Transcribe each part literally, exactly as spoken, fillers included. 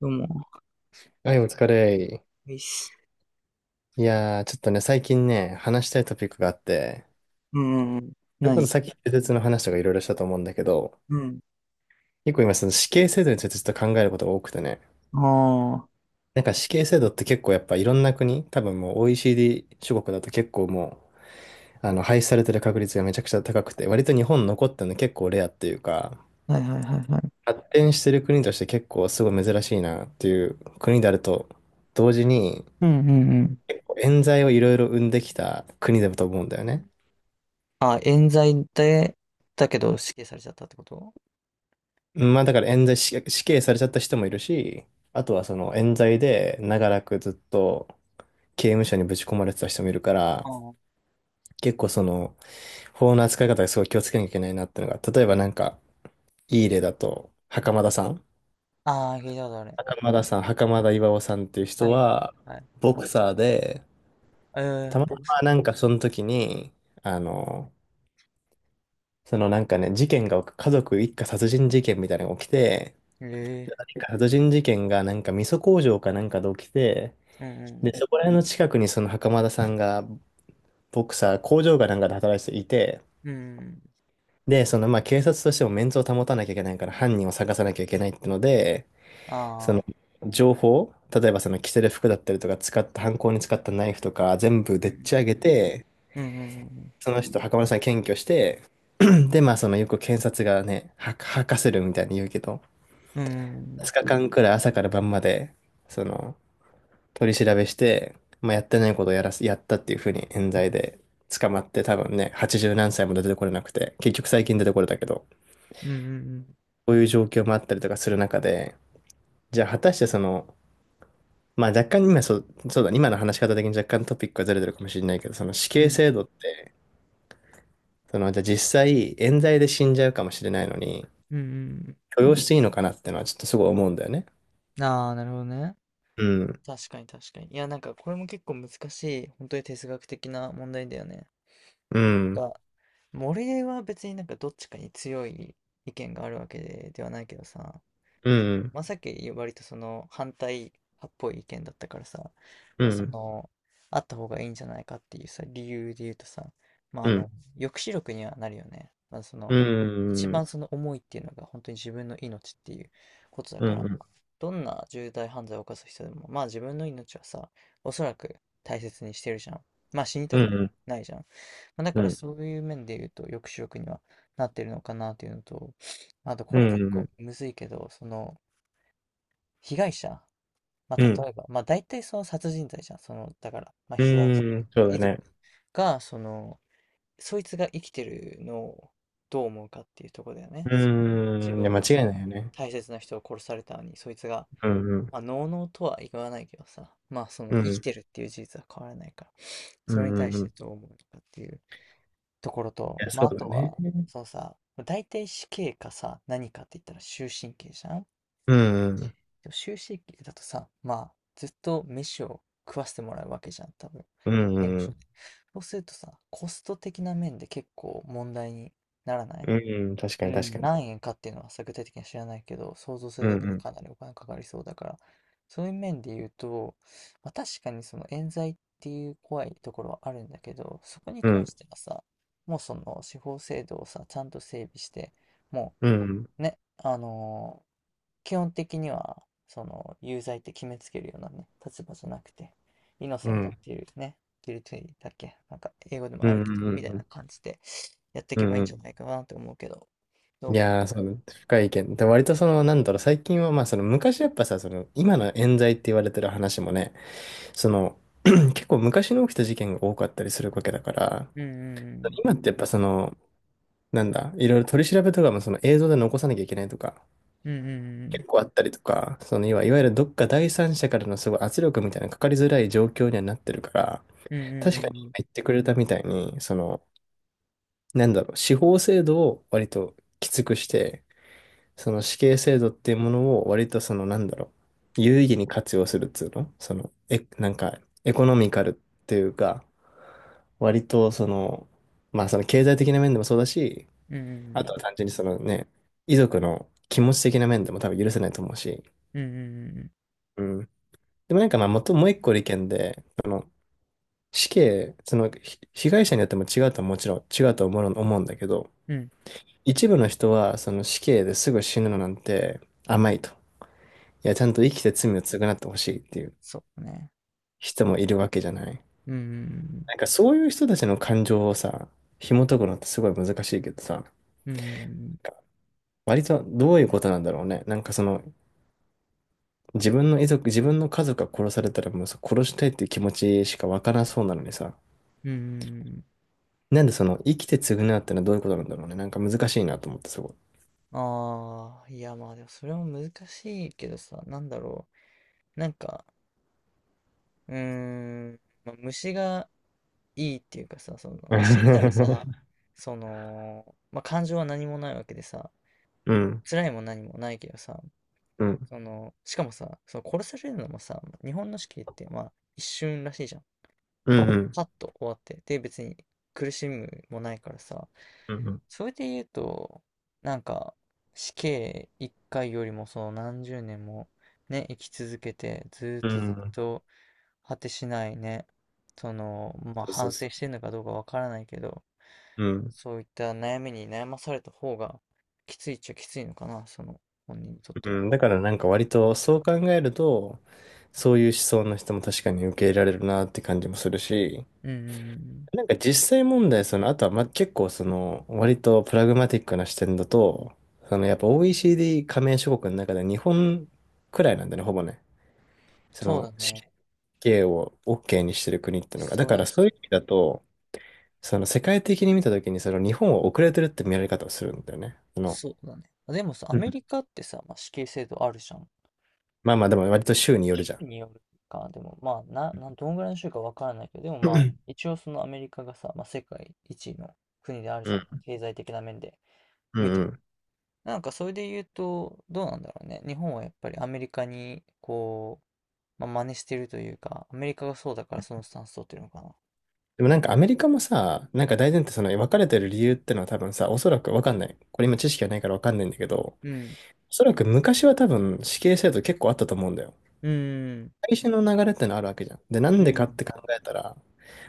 どうも。はい、お疲れ。いいっす。いやー、ちょっとね、最近ね、話したいトピックがあって、うん。うん、それこそ何？さっき、施設の話とかいろいろしたと思うんだけど、うん。結構今、その死刑制度についてちょっと考えることが多くてね、あなんか死刑制度って結構やっぱいろんな国、多分もう オーイーシーディー 諸国だと結構もう、あの、廃止されてる確率がめちゃくちゃ高くて、割と日本残ってるの結構レアっていうか、あ、はいはいはいはい。発展してる国として結構すごい珍しいなっていう国であると、同時に、うんうんうん。結構冤罪をいろいろ生んできた国だと思うんだよね。あ、冤罪で、だけど死刑されちゃったってこと？まあだから冤罪死死刑されちゃった人もいるし、あとはその冤罪で長らくずっと刑務所にぶち込まれてた人もいるから、あ結構その法の扱い方がすごい気をつけなきゃいけないなっていうのが、例えばなんかいい例だと、袴田さん。あ、あー聞いたことある。袴田さん、袴田巌さんっていうは人いはいは、はい。ボクサーで、えたー、またボクス。まなんかその時に、あの、そのなんかね、事件が、家族一家殺人事件みたいなのが起きて、え殺人事件がなんか味噌工場かなんかで起きて、えー、うんうで、ん。そこら辺の近くにその袴田さんが、ボクサー、工場かなんかで働いていて、うんうん。で、そのまあ警察としてもメンツを保たなきゃいけないから犯人を探さなきゃいけないってので、そあのあ、情報、例えばその着せる服だったりとか使った、犯行に使ったナイフとか全部うでっん。ち上げて、うんうんうんその人、袴田さん検挙して、で、まあそのよく検察がね、は、吐かせるみたいに言うけど、う2ん。日間くらい朝から晩まで、その、取り調べして、まあやってないことをやらせやったっていうふうに冤罪で捕まって、多分ね、八十何歳も出てこれなくて、結局最近出てこれたけど、ううん、うん。こういう状況もあったりとかする中で、じゃあ果たしてその、まあ若干今そそうだ今の話し方的に若干トピックがズレてるかもしれないけど、その死う刑ん制度ってその実際冤罪で死んじゃうかもしれないのにうん許容していいのかなってのはちょっとすごい思うんだよね。うん。ああ、なるほどね。うん確かに確かに。いや、なんかこれも結構難しい、本当に哲学的な問題だよね。うんか、も俺は別になんかどっちかに強い意見があるわけで、ではないけどさ、うそのんまさき割とその反対派っぽい意見だったからさ、うまあそんの、あった方がいいんじゃないかっていうさ、理由で言うとさ、まああうの、ん抑止力にはなるよね。まあそうの、ん一うん番その思いっていうのが本当に自分の命っていうことだうから、んどんな重大犯罪を犯す人でも、まあ自分の命はさ、おそらく大切にしてるじゃん。まあ死にうたくはんうんないじゃん。ま、だうからんそういう面で言うと、抑止力にはなってるのかなっていうのと、まあとうこれん結う構ん。むずいけど、その、被害者、ま、うん。例えば、ま、大体その殺人罪じゃん。その、だから、ま、う被害者、ーん、そうだ遺族ね。が、その、そいつが生きてるのをどう思うかっていうところだようね。その自ーん、い分や、の間違いないよね。大切な人を殺されたのに、そいつが、うん、うん、まあ、のうのうとは言わないけどさ、ま、そのう生きん、てるっていう事実は変わらないから、うそれん、にう対んうしん。ていどう思うのかっていうところと、や、まそあ、うあだとね。は、うん、そうさ、大体死刑かさ、何かって言ったら終身刑じゃん。でうん、も終身刑だとさ、まあ、ずっと飯を食わせてもらうわけじゃん、多分。うその刑務ん、う所で。ん、そうするとさ、コスト的な面で結構問題にならない？うん、うん確うかに、確ん、かに。何円かっていうのはさ具体的には知らないけど、想像すうるん、だけうでん、かなりお金かかりそうだから、そういう面で言うと、まあ、確かにその冤罪っていう怖いところはあるんだけど、そこにう関ん、してはさ、もうその司法制度をさ、ちゃんと整備して、もうん、うね、あのー基本的には、その有罪って決めつけるようなね、立場じゃなくて、イノうセントっん、ていうね、ギルティだっけ、なんか英語でもうん、あるうけど、ん、うみたん、いうなん。感じでやっていうけばいいんじゃん。ないかなって思うけど、どいうかな。やー、そうだね、深い意見。で、割とその、なんだろう、最近は、まあ、その、昔やっぱさ、その、今の冤罪って言われてる話もね、その、結構昔に起きた事件が多かったりするわけだから、うんうん今ってやっぱその、なんだ、いろいろ取り調べとかもその映像で残さなきゃいけないとか、うん結構あったりとか、その要は、いわゆるどっか第三者からのすごい圧力みたいなのかかりづらい状況にはなってるから、うん、確うかにん今言ってくれたみたいに、その、なんだろう、司法制度を割ときつくして、その死刑制度っていうものを割とその、なんだろう、有意義に活用するっつうのその、え、なんか、エコノミカルっていうか、割とその、まあその経済的な面でもそうだし、うんうんうん、あとは単純にそのね、遺族の気持ち的な面でも多分許せないと思うし。うんうんうんうん、うん。でもなんかまあ、もともう一個の意見で、その死刑、そのひ被害者によっても違うとはもちろん違うと思う、思うんだけど、うん一部の人はその死刑ですぐ死ぬのなんて甘いと。いや、ちゃんと生きて罪を償ってほしいっていうそうね、人もいるわけじゃない。うんなんかそういう人たちの感情をさ、紐解くのってすごい難しいけどさ、うんうん割とどういうことなんだろうね。なんかその自分の遺族、自分の家族が殺されたらもうさ殺したいっていう気持ちしかわからなそうなのにさ、うんうん。なんでその生きて償うってのはどういうことなんだろうね。なんか難しいなと思ってすごい。ああ、いや、まあでもそれも難しいけどさ、なんだろうなんか、うーんまあ虫がいいっていうかさ、そのまあ死んだらさ、 そのまあ感情は何もないわけでさ、うん、辛いも何もないけどさ、うん、そのしかもさ、そう、殺されるのもさ、日本の死刑ってまあ一瞬らしいじゃん。うん、うん、さっと終わって、で、別に苦しむもないからさ、うん、それで言うと、なんか、死刑一回よりもそのなんじゅうねんもね、生き続けて、ずーっうん、とずっうんと果てしないね、その、まあそうそう反省そしてるのかどうかわからないけど、う。うん、そういった悩みに悩まされた方がきついっちゃきついのかな、その本人にとってうは。ん。だからなんか割とそう考えると、そういう思想の人も確かに受け入れられるなって感じもするし、うんうんうん、なんか実際問題、その、あとは、ま、結構その、割とプラグマティックな視点だと、その、やっぱ オーイーシーディー 加盟諸国の中で日本くらいなんだね、ほぼね。そそうの、だ死ね。刑を OK にしてる国っていうのが。だそかれはらそそういうう、意味だと、その、世界的に見たときに、その、日本は遅れてるって見られ方をするんだよね。その、そうだね。でもさ、アうんメリカってさ、まあ、死刑制度あるじゃん。まあまあ、でも割と州による州じゃん。によるか、でもまあ、な、な、どんぐらいの州かわからないけど、でもまあ、一応そのアメリカがさ、まあ、世界一位の国であるじうゃん、ん。経済的な面でう見んてうも。ん。なんかそれで言うと、どうなんだろうね。日本はやっぱりアメリカに、こう、まあ、真似してるというか、アメリカがそうだからそのスタンス取ってるのかな。でもなんかアメリカもさ、なんか大前提その別れてる理由ってのは多分さ、おそらくわかんない。これ今知識がないからわかんないんだけど、おうん。そらく昔は多分死刑制度結構あったと思うんだよ。うん。最初の流れってのあるわけじゃん。で、なうんでかっん。て考えたら、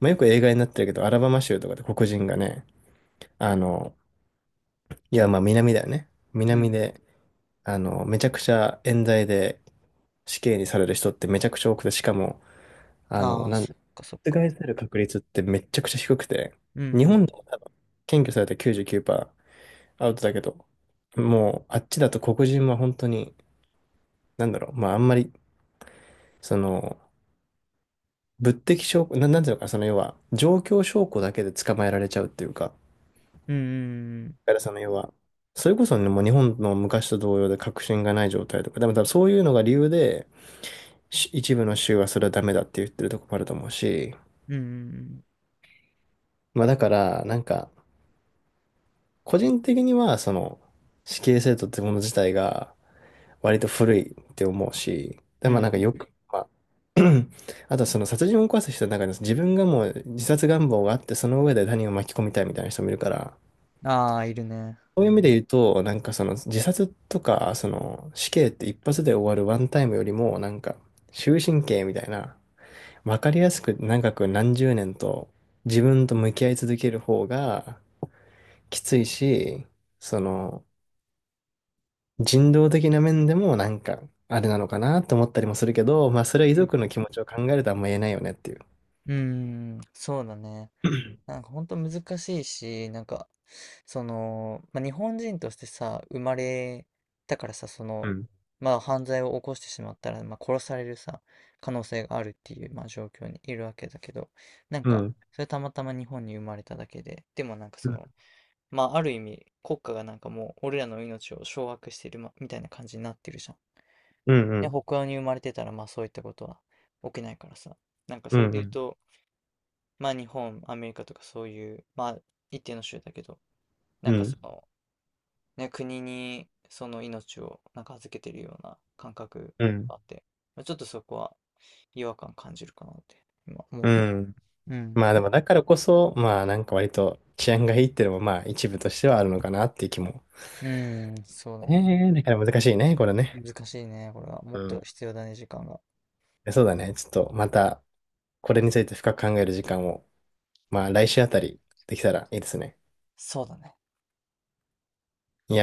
まあ、よく映画になってるけど、アラバマ州とかで黒人がね、あの、いや、まあ南だよね。う南ん。で、あの、めちゃくちゃ冤罪で死刑にされる人ってめちゃくちゃ多くて、しかも、あの、ああ、なんそっだ、かそっ覆か。される確率ってめちゃくちゃ低くて、うんう日ん。本でも多分、検挙されたきゅうじゅうきゅうパーセントアウトだけど、もう、あっちだと黒人は本当に、なんだろう、まああんまり、その、物的証拠、な、なんていうのかな、その要は、状況証拠だけで捕まえられちゃうっていうか、だうんからその要は、それこそね、もう日本の昔と同様で確信がない状態とか、でも多分そういうのが理由で、し一部の州はそれはダメだって言ってるとこもあると思うし、うんうん。うんうんうん。まあだから、なんか、個人的には、その、死刑制度ってもの自体が、割と古いって思うし、で、うんまあなんかうよく、まあ あとはその殺人を犯す人の中に自分がもう自殺願望があってその上で他人を巻き込みたいみたいな人もいるから、ん。ああー、いるね。そういう意味で言うと、なんかその自殺とか、その死刑って一発で終わるワンタイムよりも、なんか終身刑みたいな、わかりやすく長く何十年と自分と向き合い続ける方がきついし、その人道的な面でもなんかあれなのかなと思ったりもするけど、まあそれは遺うん族の気持ちを考えるとあんま言えないよねっていう。うん。うん、ああ、いるね。うんうん、そうだね。なんか本当難しいし、なんか、その、まあ、日本人としてさ、生まれたからさ、そうの、ん。まあ犯罪を起こしてしまったら、まあ殺されるさ、可能性があるっていう、まあ状況にいるわけだけど、なんうか、ん。それたまたま日本に生まれただけで、でもなんかうそん。の、まあある意味、国家がなんかもう俺らの命を掌握してる、ま、みたいな感じになってるじゃん。うで、ん。北欧に生まれてたら、まあそういったことは起きないからさ、なんかうそれで言うん。と、まあ日本、アメリカとかそういう、まあ一定の州だけど、なうん。んうかそん。の、ね、国にその命をなんか預けてるような感覚うん。があって、まあ、ちょっとそこは違和感感じるかなって今思っうた。ん。うん。まあでもだからこそ、まあなんか割と治安がいいっていうのもまあ一部としてはあるのかなっていう気も。うん、そうだえね。えね。だから難しいね、これね。難しいね、これは。もうっとん。必要だね、時間が。そうだね。ちょっとまたこれについて深く考える時間を、まあ来週あたりできたらいいですね。そうだね。いやー